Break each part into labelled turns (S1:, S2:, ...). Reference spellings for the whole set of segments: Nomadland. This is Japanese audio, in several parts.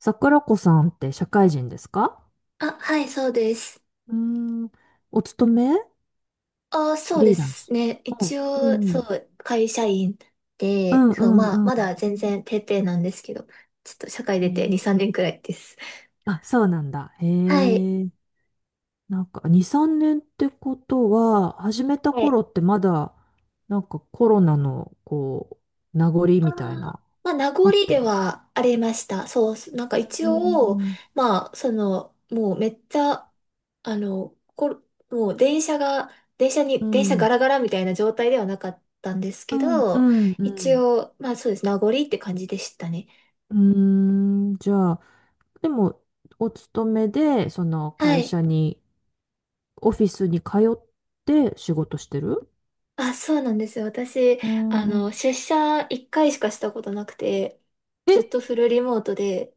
S1: 桜子さんって社会人ですか？
S2: あ、はい、そうです。
S1: うーん、お勤め？
S2: あ、
S1: フ
S2: そうで
S1: リーラン
S2: す
S1: ス？
S2: ね。
S1: お、
S2: 一
S1: う
S2: 応、そ
S1: ん。
S2: う、会社員
S1: う
S2: で、
S1: んう
S2: そう、
S1: ん
S2: まあ、
S1: う
S2: ま
S1: ん。
S2: だ全然ペーペーなんですけど、ちょっと社会
S1: え
S2: 出て2、
S1: ー
S2: 3年くらいです。
S1: あ、そうなんだ。へ
S2: はい。
S1: え。なんか、2、3年ってことは、始めた
S2: はい。
S1: 頃ってまだ、なんかコロナの、こう、名残
S2: あー、
S1: みたいな、
S2: まあ、名
S1: あ
S2: 残
S1: った
S2: で
S1: の？
S2: はありました。そう、なんか
S1: う
S2: 一
S1: ー
S2: 応、
S1: ん、
S2: まあ、その、もうめっちゃ、あの、こもう電車が、電車
S1: う
S2: に、電車ガ
S1: ん、
S2: ラガラみたいな状態ではなかったんです
S1: う
S2: け
S1: ん、う
S2: ど、
S1: ん、う
S2: 一
S1: ん。
S2: 応、まあそうです。名残って感じでしたね。
S1: じゃあ、でも、お勤めで、その
S2: は
S1: 会
S2: い。
S1: 社にオフィスに通って仕事してる？
S2: あ、そうなんですよ。私、
S1: うーん。
S2: 出社一回しかしたことなくて、
S1: え、
S2: ずっとフルリモートで、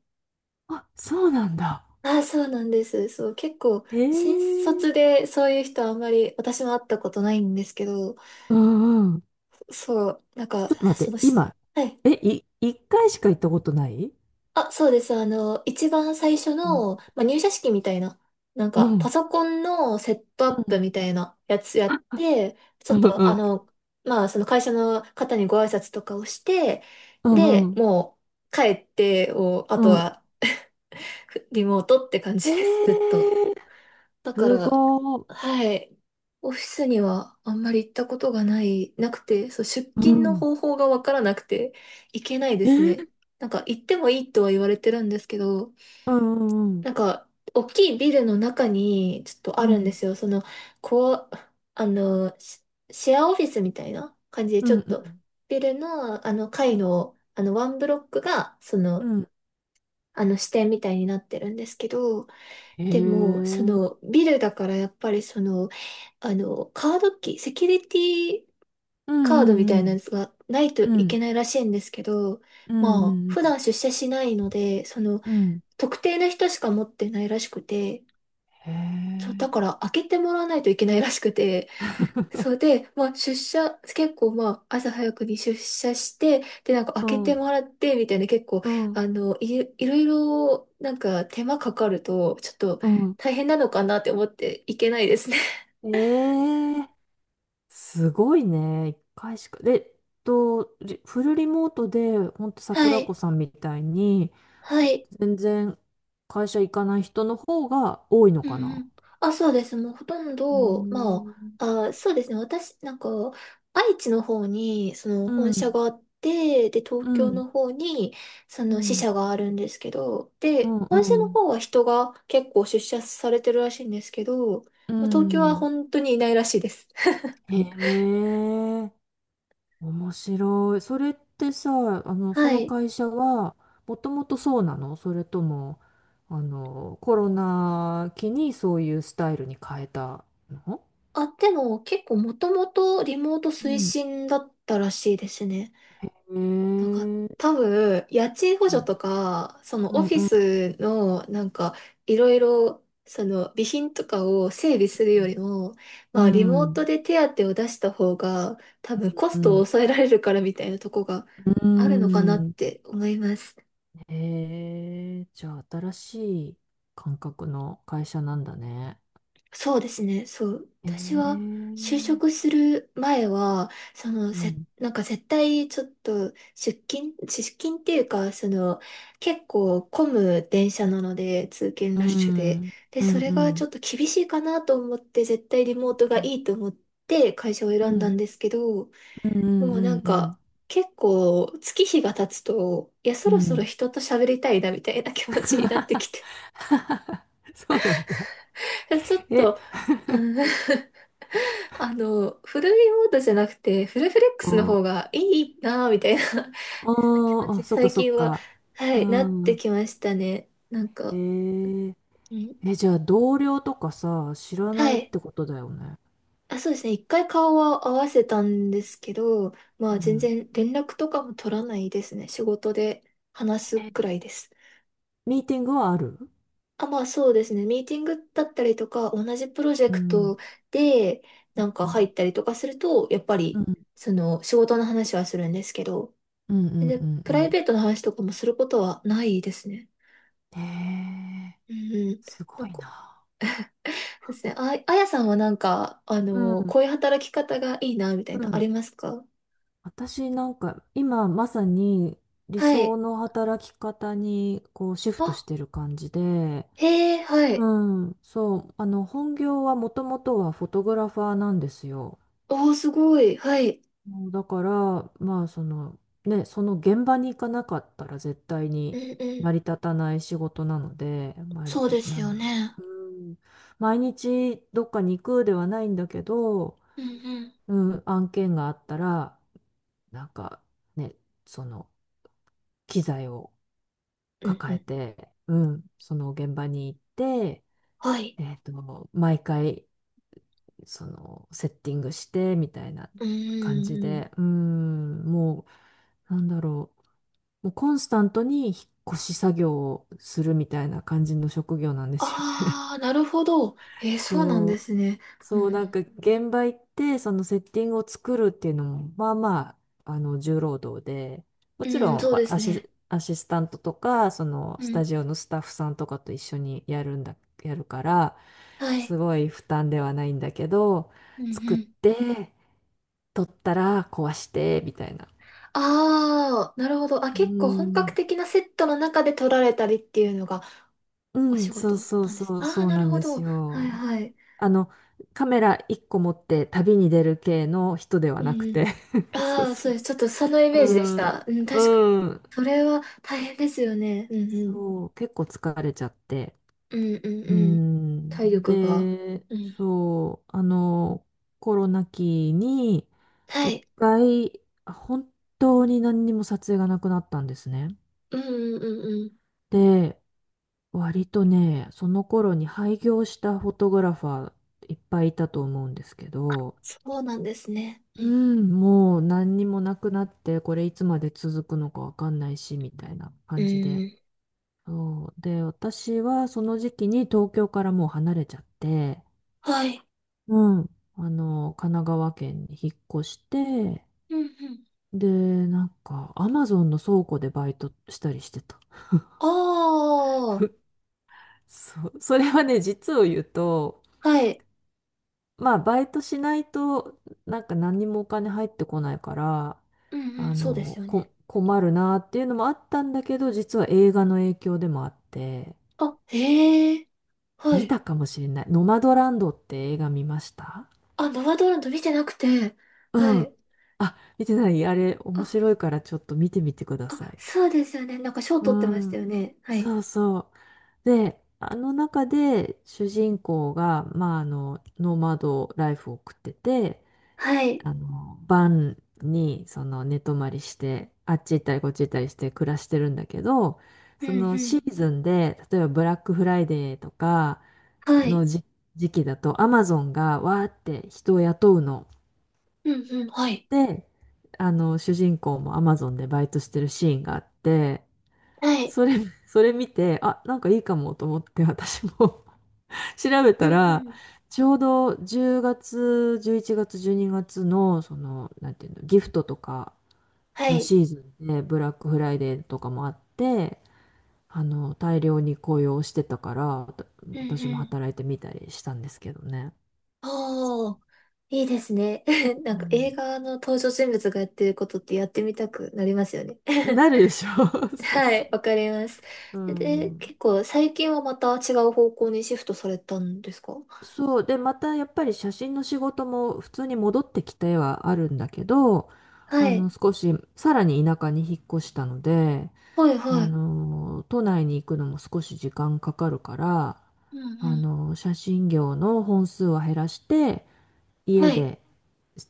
S1: あ、そうなんだ。
S2: あ、そうなんです。そう、結構、
S1: へ
S2: 新
S1: え。
S2: 卒でそういう人あんまり私も会ったことないんですけど、
S1: うんうん。ち
S2: そう、なんか、
S1: ょっと待っ
S2: そ
S1: て、
S2: の、し
S1: 今、
S2: はい。
S1: え、一回しか行ったことない？
S2: あ、そうです。一番最初
S1: うん。
S2: の、まあ、入社式みたいな、なん
S1: う
S2: か、パ
S1: ん。
S2: ソコンのセットア
S1: う
S2: ッ
S1: ん。
S2: プみたいなやつやって、ち
S1: う
S2: ょっ
S1: ん
S2: と、
S1: うん。
S2: まあ、その会社の方にご挨拶とかをして、
S1: う
S2: で、
S1: ん
S2: もう、帰ってを、あと
S1: うん。
S2: は、リモートって感じ
S1: へ
S2: です、ずっと。
S1: え。
S2: だか
S1: す
S2: ら、
S1: ごー。
S2: はい。オフィスにはあんまり行ったことがない、なくて、そう、出
S1: う
S2: 勤の
S1: ん。
S2: 方法がわからなくて、行けないで
S1: え
S2: す
S1: ー、
S2: ね。なんか、行ってもいいとは言われてるんですけど、
S1: うんうん
S2: なんか、大きいビルの中に、ちょっと
S1: う
S2: あるんで
S1: ん。
S2: すよ。その、こう、あの、シシェアオフィスみたいな感じで、
S1: う
S2: ち
S1: んう
S2: ょ
S1: ん
S2: っ
S1: う
S2: と、ビルの、あの、
S1: ん。
S2: 階の、あの、ワンブロックが、そ
S1: う
S2: の、
S1: ん。
S2: あの、支店みたいになってるんですけど、
S1: へ
S2: でも、そ
S1: え。
S2: の、ビルだから、やっぱり、その、あの、カードキー、セキュリティ
S1: う
S2: カードみ
S1: ん
S2: た
S1: う
S2: いな
S1: ん
S2: やつがないと
S1: う
S2: いけ
S1: ん。
S2: ないらしいんですけど、
S1: うんうん
S2: まあ、
S1: う
S2: 普
S1: ん
S2: 段出社しないので、その、
S1: うん。うん。
S2: 特定の人しか持ってないらしくて、
S1: へ
S2: そう、だ
S1: え。
S2: から開けてもらわないといけないらしくて、そうで、まあ出社、結構まあ朝早くに出社して、でなんか開
S1: う
S2: けて
S1: ん。
S2: もらってみたいな結構、
S1: うん、
S2: あの、いろいろなんか手間かかると、ちょっと
S1: うん。
S2: 大変なのかなって思っていけないですね。
S1: ええ、すごいね。一回しか。で、フルリモートで、ほんと
S2: は
S1: 桜子
S2: い。
S1: さんみたいに、
S2: はい。
S1: 全然会社行かない人の方が多いの
S2: う
S1: か
S2: んう
S1: な？
S2: ん。あ、そうです。もうほとん
S1: ええ、
S2: ど、
S1: う
S2: まあ、あ、そうですね。私、なんか、愛知の方に、その本社
S1: ん、
S2: があって、で、東
S1: うん、う
S2: 京
S1: ん、
S2: の方に、その支社があるんですけど、
S1: う
S2: で、
S1: ん、
S2: 本
S1: う
S2: 社の
S1: ん。
S2: 方は人が結構出社されてるらしいんですけど、
S1: う
S2: まあ東京は
S1: ん。
S2: 本当にいないらしいです。
S1: へえ。面白い。それってさ、あの、そ
S2: は
S1: の
S2: い。
S1: 会社は、もともとそうなの、それとも、あの、コロナ期にそういうスタイルに変えたの？
S2: あ、でも結構もともとリモート
S1: う
S2: 推
S1: ん。
S2: 進だったらしいですね。
S1: へえ
S2: なんか
S1: ー、
S2: 多分、家賃補
S1: う
S2: 助
S1: ん
S2: とか、その
S1: う
S2: オ
S1: ん
S2: フィ
S1: う
S2: スのなんかいろいろその備品とかを整備するよ
S1: ん、
S2: りも、
S1: う
S2: まあリモ
S1: ん、う
S2: ート
S1: ん、
S2: で手当を出した方が多分コ
S1: う
S2: ストを
S1: ん。
S2: 抑えられるからみたいなとこがあるのかなって思います。
S1: へえ、じゃあ、新しい感覚の会社なんだね。
S2: そうですね。そう。
S1: へえ、う
S2: 私は、就
S1: ん。
S2: 職する前は、
S1: うん、
S2: なんか絶対ちょっと出勤っていうか、その、結構混む電車なので、通勤
S1: う
S2: ラッシュで。
S1: ん、
S2: で、
S1: う
S2: そ
S1: ん、
S2: れ
S1: う
S2: がち
S1: ん、
S2: ょっと厳しいかなと思って、絶対リモート
S1: う
S2: が
S1: ん、
S2: いいと思って会社を
S1: う
S2: 選んだ
S1: ん、
S2: んですけど、
S1: うん、う
S2: も
S1: ん。
S2: うな
S1: うん
S2: ん
S1: うん
S2: か、結構月日が経つと、いや、そ
S1: う
S2: ろそろ
S1: ん
S2: 人と喋りたいなみたいな気持ちになってきて、
S1: そうなんだ。
S2: ちょっ
S1: え、
S2: と、うんフルリモートじゃなくて、フルフレックスの
S1: お、
S2: 方
S1: あ
S2: がいいなぁ、みたいな 気持
S1: ー
S2: ち
S1: あ、
S2: に
S1: そっか
S2: 最
S1: そっ
S2: 近は、
S1: か。
S2: は
S1: う
S2: い、なって
S1: ん。
S2: きましたね。なん
S1: え
S2: か、
S1: ー、
S2: ん
S1: え、じゃあ同僚とかさ、知ら
S2: は
S1: ないっ
S2: い。
S1: てことだよね？
S2: あ、そうですね。一回顔は合わせたんですけど、ま
S1: う
S2: あ全
S1: ん。
S2: 然連絡とかも取らないですね。仕事で話すくらいです。
S1: ミーティングはある？
S2: あ、まあそうですね。ミーティングだったりとか、同じプロジェ
S1: う
S2: クト
S1: ん。
S2: でなんか
S1: う
S2: 入
S1: ん。
S2: ったりとかすると、やっぱ
S1: う
S2: り、
S1: ん。
S2: その仕事の話はするんですけど、
S1: うん。うん。
S2: で、
S1: うんう
S2: プライ
S1: ん。
S2: ベートの話とかもすることはないですね。
S1: へえー、
S2: うんうん。
S1: す
S2: な
S1: ご
S2: ん
S1: い
S2: か、そ
S1: な。
S2: うですね。あ、あやさんはなんか、あ
S1: う
S2: の、
S1: ん。
S2: こういう働き方がいいな、みたい
S1: う
S2: な、あ
S1: ん。
S2: りますか？
S1: 私なんか、今まさに理
S2: は
S1: 想
S2: い。
S1: の働き方にこうシフトし
S2: あ、
S1: てる感じで、
S2: へえ、はい。
S1: うん、そう、あの、本業はもともとはフォトグラファーなんですよ。
S2: おー、すごい。はい。
S1: もうだから、まあそのね、その現場に行かなかったら絶対
S2: うん
S1: に
S2: う
S1: 成り
S2: ん。
S1: 立たない仕事なので、まあ、
S2: そうです
S1: なん
S2: よ
S1: だろ
S2: ね。
S1: う、うん、毎日どっかに行くではないんだけど、
S2: うんうん。
S1: うん、案件があったら、なんかね、その機材を
S2: うんう
S1: 抱え
S2: ん。
S1: て、うん、その現場に行って、
S2: はい。
S1: 毎回そのセッティングしてみたいな
S2: うんう
S1: 感
S2: ん
S1: じ
S2: うん。
S1: で、もう、なんだろう、もうコンスタントに引っ越し作業をするみたいな感じの職業なんですよね。
S2: あー、なるほど。えー、そうなん
S1: そ
S2: で
S1: う、
S2: すね。う
S1: そう、なん
S2: ん
S1: か現場行って、そのセッティングを作るっていうのも、まあまあ、あの、重労働で、も
S2: う
S1: ち
S2: ん。
S1: ろ
S2: うん、
S1: ん
S2: そうですね。
S1: アシスタントとか、その、
S2: う
S1: スタ
S2: ん。
S1: ジオのスタッフさんとかと一緒にやるから、
S2: はい。
S1: すごい負担ではないんだけど、
S2: うんう
S1: 作っ
S2: ん。
S1: て、取ったら壊して、みたいな。
S2: ああ、なるほど。あ、
S1: う
S2: 結構本格
S1: ん、
S2: 的なセットの中で撮られたりっていうのが
S1: う
S2: お
S1: ん、
S2: 仕
S1: そ
S2: 事
S1: うそう
S2: なんです。
S1: そう、
S2: ああ、
S1: そう
S2: な
S1: な
S2: る
S1: ん
S2: ほ
S1: で
S2: ど。
S1: す
S2: はい
S1: よ。
S2: はい。
S1: あの、カメラ1個持って旅に出る系の人では
S2: うん
S1: なく
S2: う
S1: て
S2: ん。
S1: そう
S2: ああ、そ
S1: そ
S2: う
S1: う
S2: です。ちょっ
S1: そ
S2: とそのイメ
S1: う。
S2: ージでし
S1: うん、
S2: た。うん、確かに。
S1: うん。
S2: それは大変ですよね。うんうん。
S1: そう、結構疲れちゃって。
S2: うんうん
S1: う
S2: うん。
S1: ん。
S2: 体力が。
S1: で、
S2: うん。
S1: そう、あの、コロナ期に、
S2: は
S1: 一
S2: い。
S1: 回、本当に何にも撮影がなくなったんですね。
S2: うんうんうんうん。
S1: で、割とね、その頃に廃業したフォトグラファーいっぱいいたと思うんですけど、
S2: そうなんですね。う
S1: う
S2: ん。
S1: ん、もう何にもなくなって、これいつまで続くのかわかんないし、みたいな
S2: う
S1: 感じで。
S2: ん
S1: そう。で、私はその時期に東京からもう離れちゃって、
S2: はい。
S1: うん、あの、神奈川県に引っ越して、
S2: うんうん。
S1: で、なんか、アマゾンの倉庫でバイトしたりしてた。
S2: あ
S1: そう。それはね、実を言うと、
S2: あ、はい。
S1: まあ、バイトしないと、なんか何にもお金入ってこないから、
S2: うんう
S1: あ
S2: ん、そうです
S1: の、
S2: よね。
S1: 困るなっていうのもあったんだけど、実は映画の影響でもあって、
S2: あ、へえ。は
S1: 見
S2: い。
S1: たかもしれない。ノマドランドって映画見ました？
S2: あ、ノア・ドーランド見てなくて、は
S1: うん。
S2: い。
S1: あ、見てない？あれ、
S2: あ、
S1: 面白いからちょっと見てみてくださ
S2: あ、
S1: い。
S2: そうですよね。なんか賞
S1: う
S2: 取ってました
S1: ん。
S2: よね。はい。
S1: そうそう。で、あの中で主人公が、まあ、あの、ノマドライフを送ってて、
S2: はい。
S1: あの、晩にその寝泊まりして、あっち行ったりこっち行ったりして暮らしてるんだけど、
S2: うん
S1: そ
S2: う
S1: のシ
S2: ん。
S1: ーズンで、例えばブラックフライデーとか
S2: はい。
S1: の時期だと、アマゾンがわーって人を雇うの。
S2: うんうん。はい。
S1: で、あの、主人公もアマゾンでバイトしてるシーンがあって、
S2: はい。
S1: それ、それ見て、あ、なんかいいかもと思って私も 調べ
S2: うん
S1: た
S2: う
S1: ら、
S2: ん。
S1: ちょうど10月、11月、12月の、その、なんていうの、ギフトとか、
S2: は
S1: の
S2: い。
S1: シーズンでブラックフライデーとかもあって、あの、大量に雇用してたから、
S2: うん
S1: 私も
S2: うん。
S1: 働いてみたりしたんですけどね。
S2: おー、いいですね。な
S1: う
S2: んか映
S1: ん、
S2: 画の登場人物がやってることってやってみたくなりますよね。
S1: なるでしょ そう
S2: は
S1: そ
S2: い、わかります。
S1: う。う
S2: で、
S1: ん。
S2: 結構最近はまた違う方向にシフトされたんですか？
S1: そう。で、またやっぱり写真の仕事も普通に戻ってきてはあるんだけど、
S2: は
S1: あ
S2: い。
S1: の、少し、さらに田舎に引っ越したので、
S2: はい、
S1: あ
S2: はい。
S1: の、都内に行くのも少し時間かかるから、
S2: うん
S1: あ
S2: うん。
S1: の、写真業の本数は減らして、家
S2: はい。
S1: で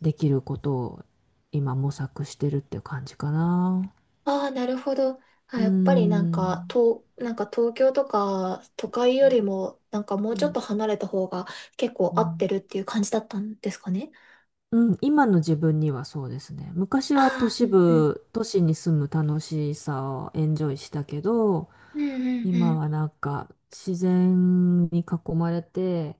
S1: できることを今模索してるっていう感じかな。
S2: ああ、なるほど。あ、
S1: うー
S2: やっぱりなんか、
S1: ん。
S2: なんか東京とか都会よりも、なんかも
S1: う
S2: うちょっ
S1: ん。
S2: と離れた方が結構
S1: う
S2: 合って
S1: ん
S2: るっていう感じだったんですかね。
S1: うん。今の自分にはそうですね。昔は都
S2: ああ、う
S1: 市
S2: んうん。
S1: 部、都市に住む楽しさをエンジョイしたけど、
S2: うんうんう
S1: 今
S2: ん。
S1: はなんか自然に囲まれて、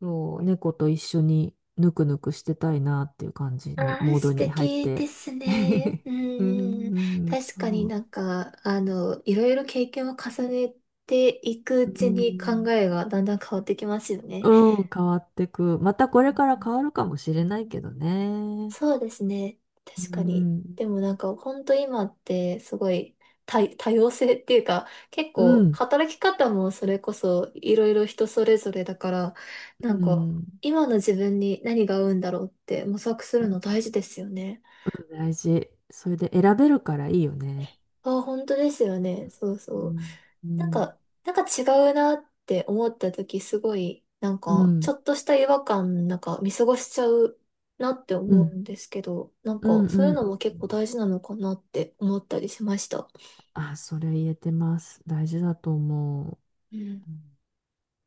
S1: そう、猫と一緒にぬくぬくしてたいなっていう感じの
S2: ああ、
S1: モード
S2: 素
S1: に入っ
S2: 敵で
S1: て。
S2: すね。う ん
S1: うん、
S2: うんうん。
S1: うん、そ
S2: 確かに
S1: う。
S2: なんか、あの、いろいろ経験を重ねていく
S1: う
S2: うちに考
S1: ん
S2: えがだんだん変わってきますよね。
S1: うん、変わってく。またこれから変わるかもしれないけどね。
S2: そうですね。
S1: う
S2: 確かに。
S1: ん、
S2: でもなんか本当今ってすごい多様性っていうか結
S1: う
S2: 構
S1: ん、
S2: 働き方もそれこそいろいろ人それぞれだからなん
S1: う
S2: か
S1: ん、
S2: 今の自分に何が合うんだろうって模索するの大事ですよね。
S1: 大事。それで選べるからいいよね。
S2: あ本当ですよね。そう
S1: う
S2: そう。
S1: ん、う
S2: なん
S1: ん、
S2: か、違うなって思った時すごい、なん
S1: う
S2: か、ち
S1: ん、
S2: ょっとした違和感、なんか見過ごしちゃうなって
S1: うん、う
S2: 思う
S1: ん、
S2: んですけど、なん
S1: う
S2: か、
S1: ん。う
S2: そういう
S1: ん。
S2: のも結構大事なのかなって思ったりしました。
S1: あ、それ言えてます。大事だと思う。
S2: うん
S1: うん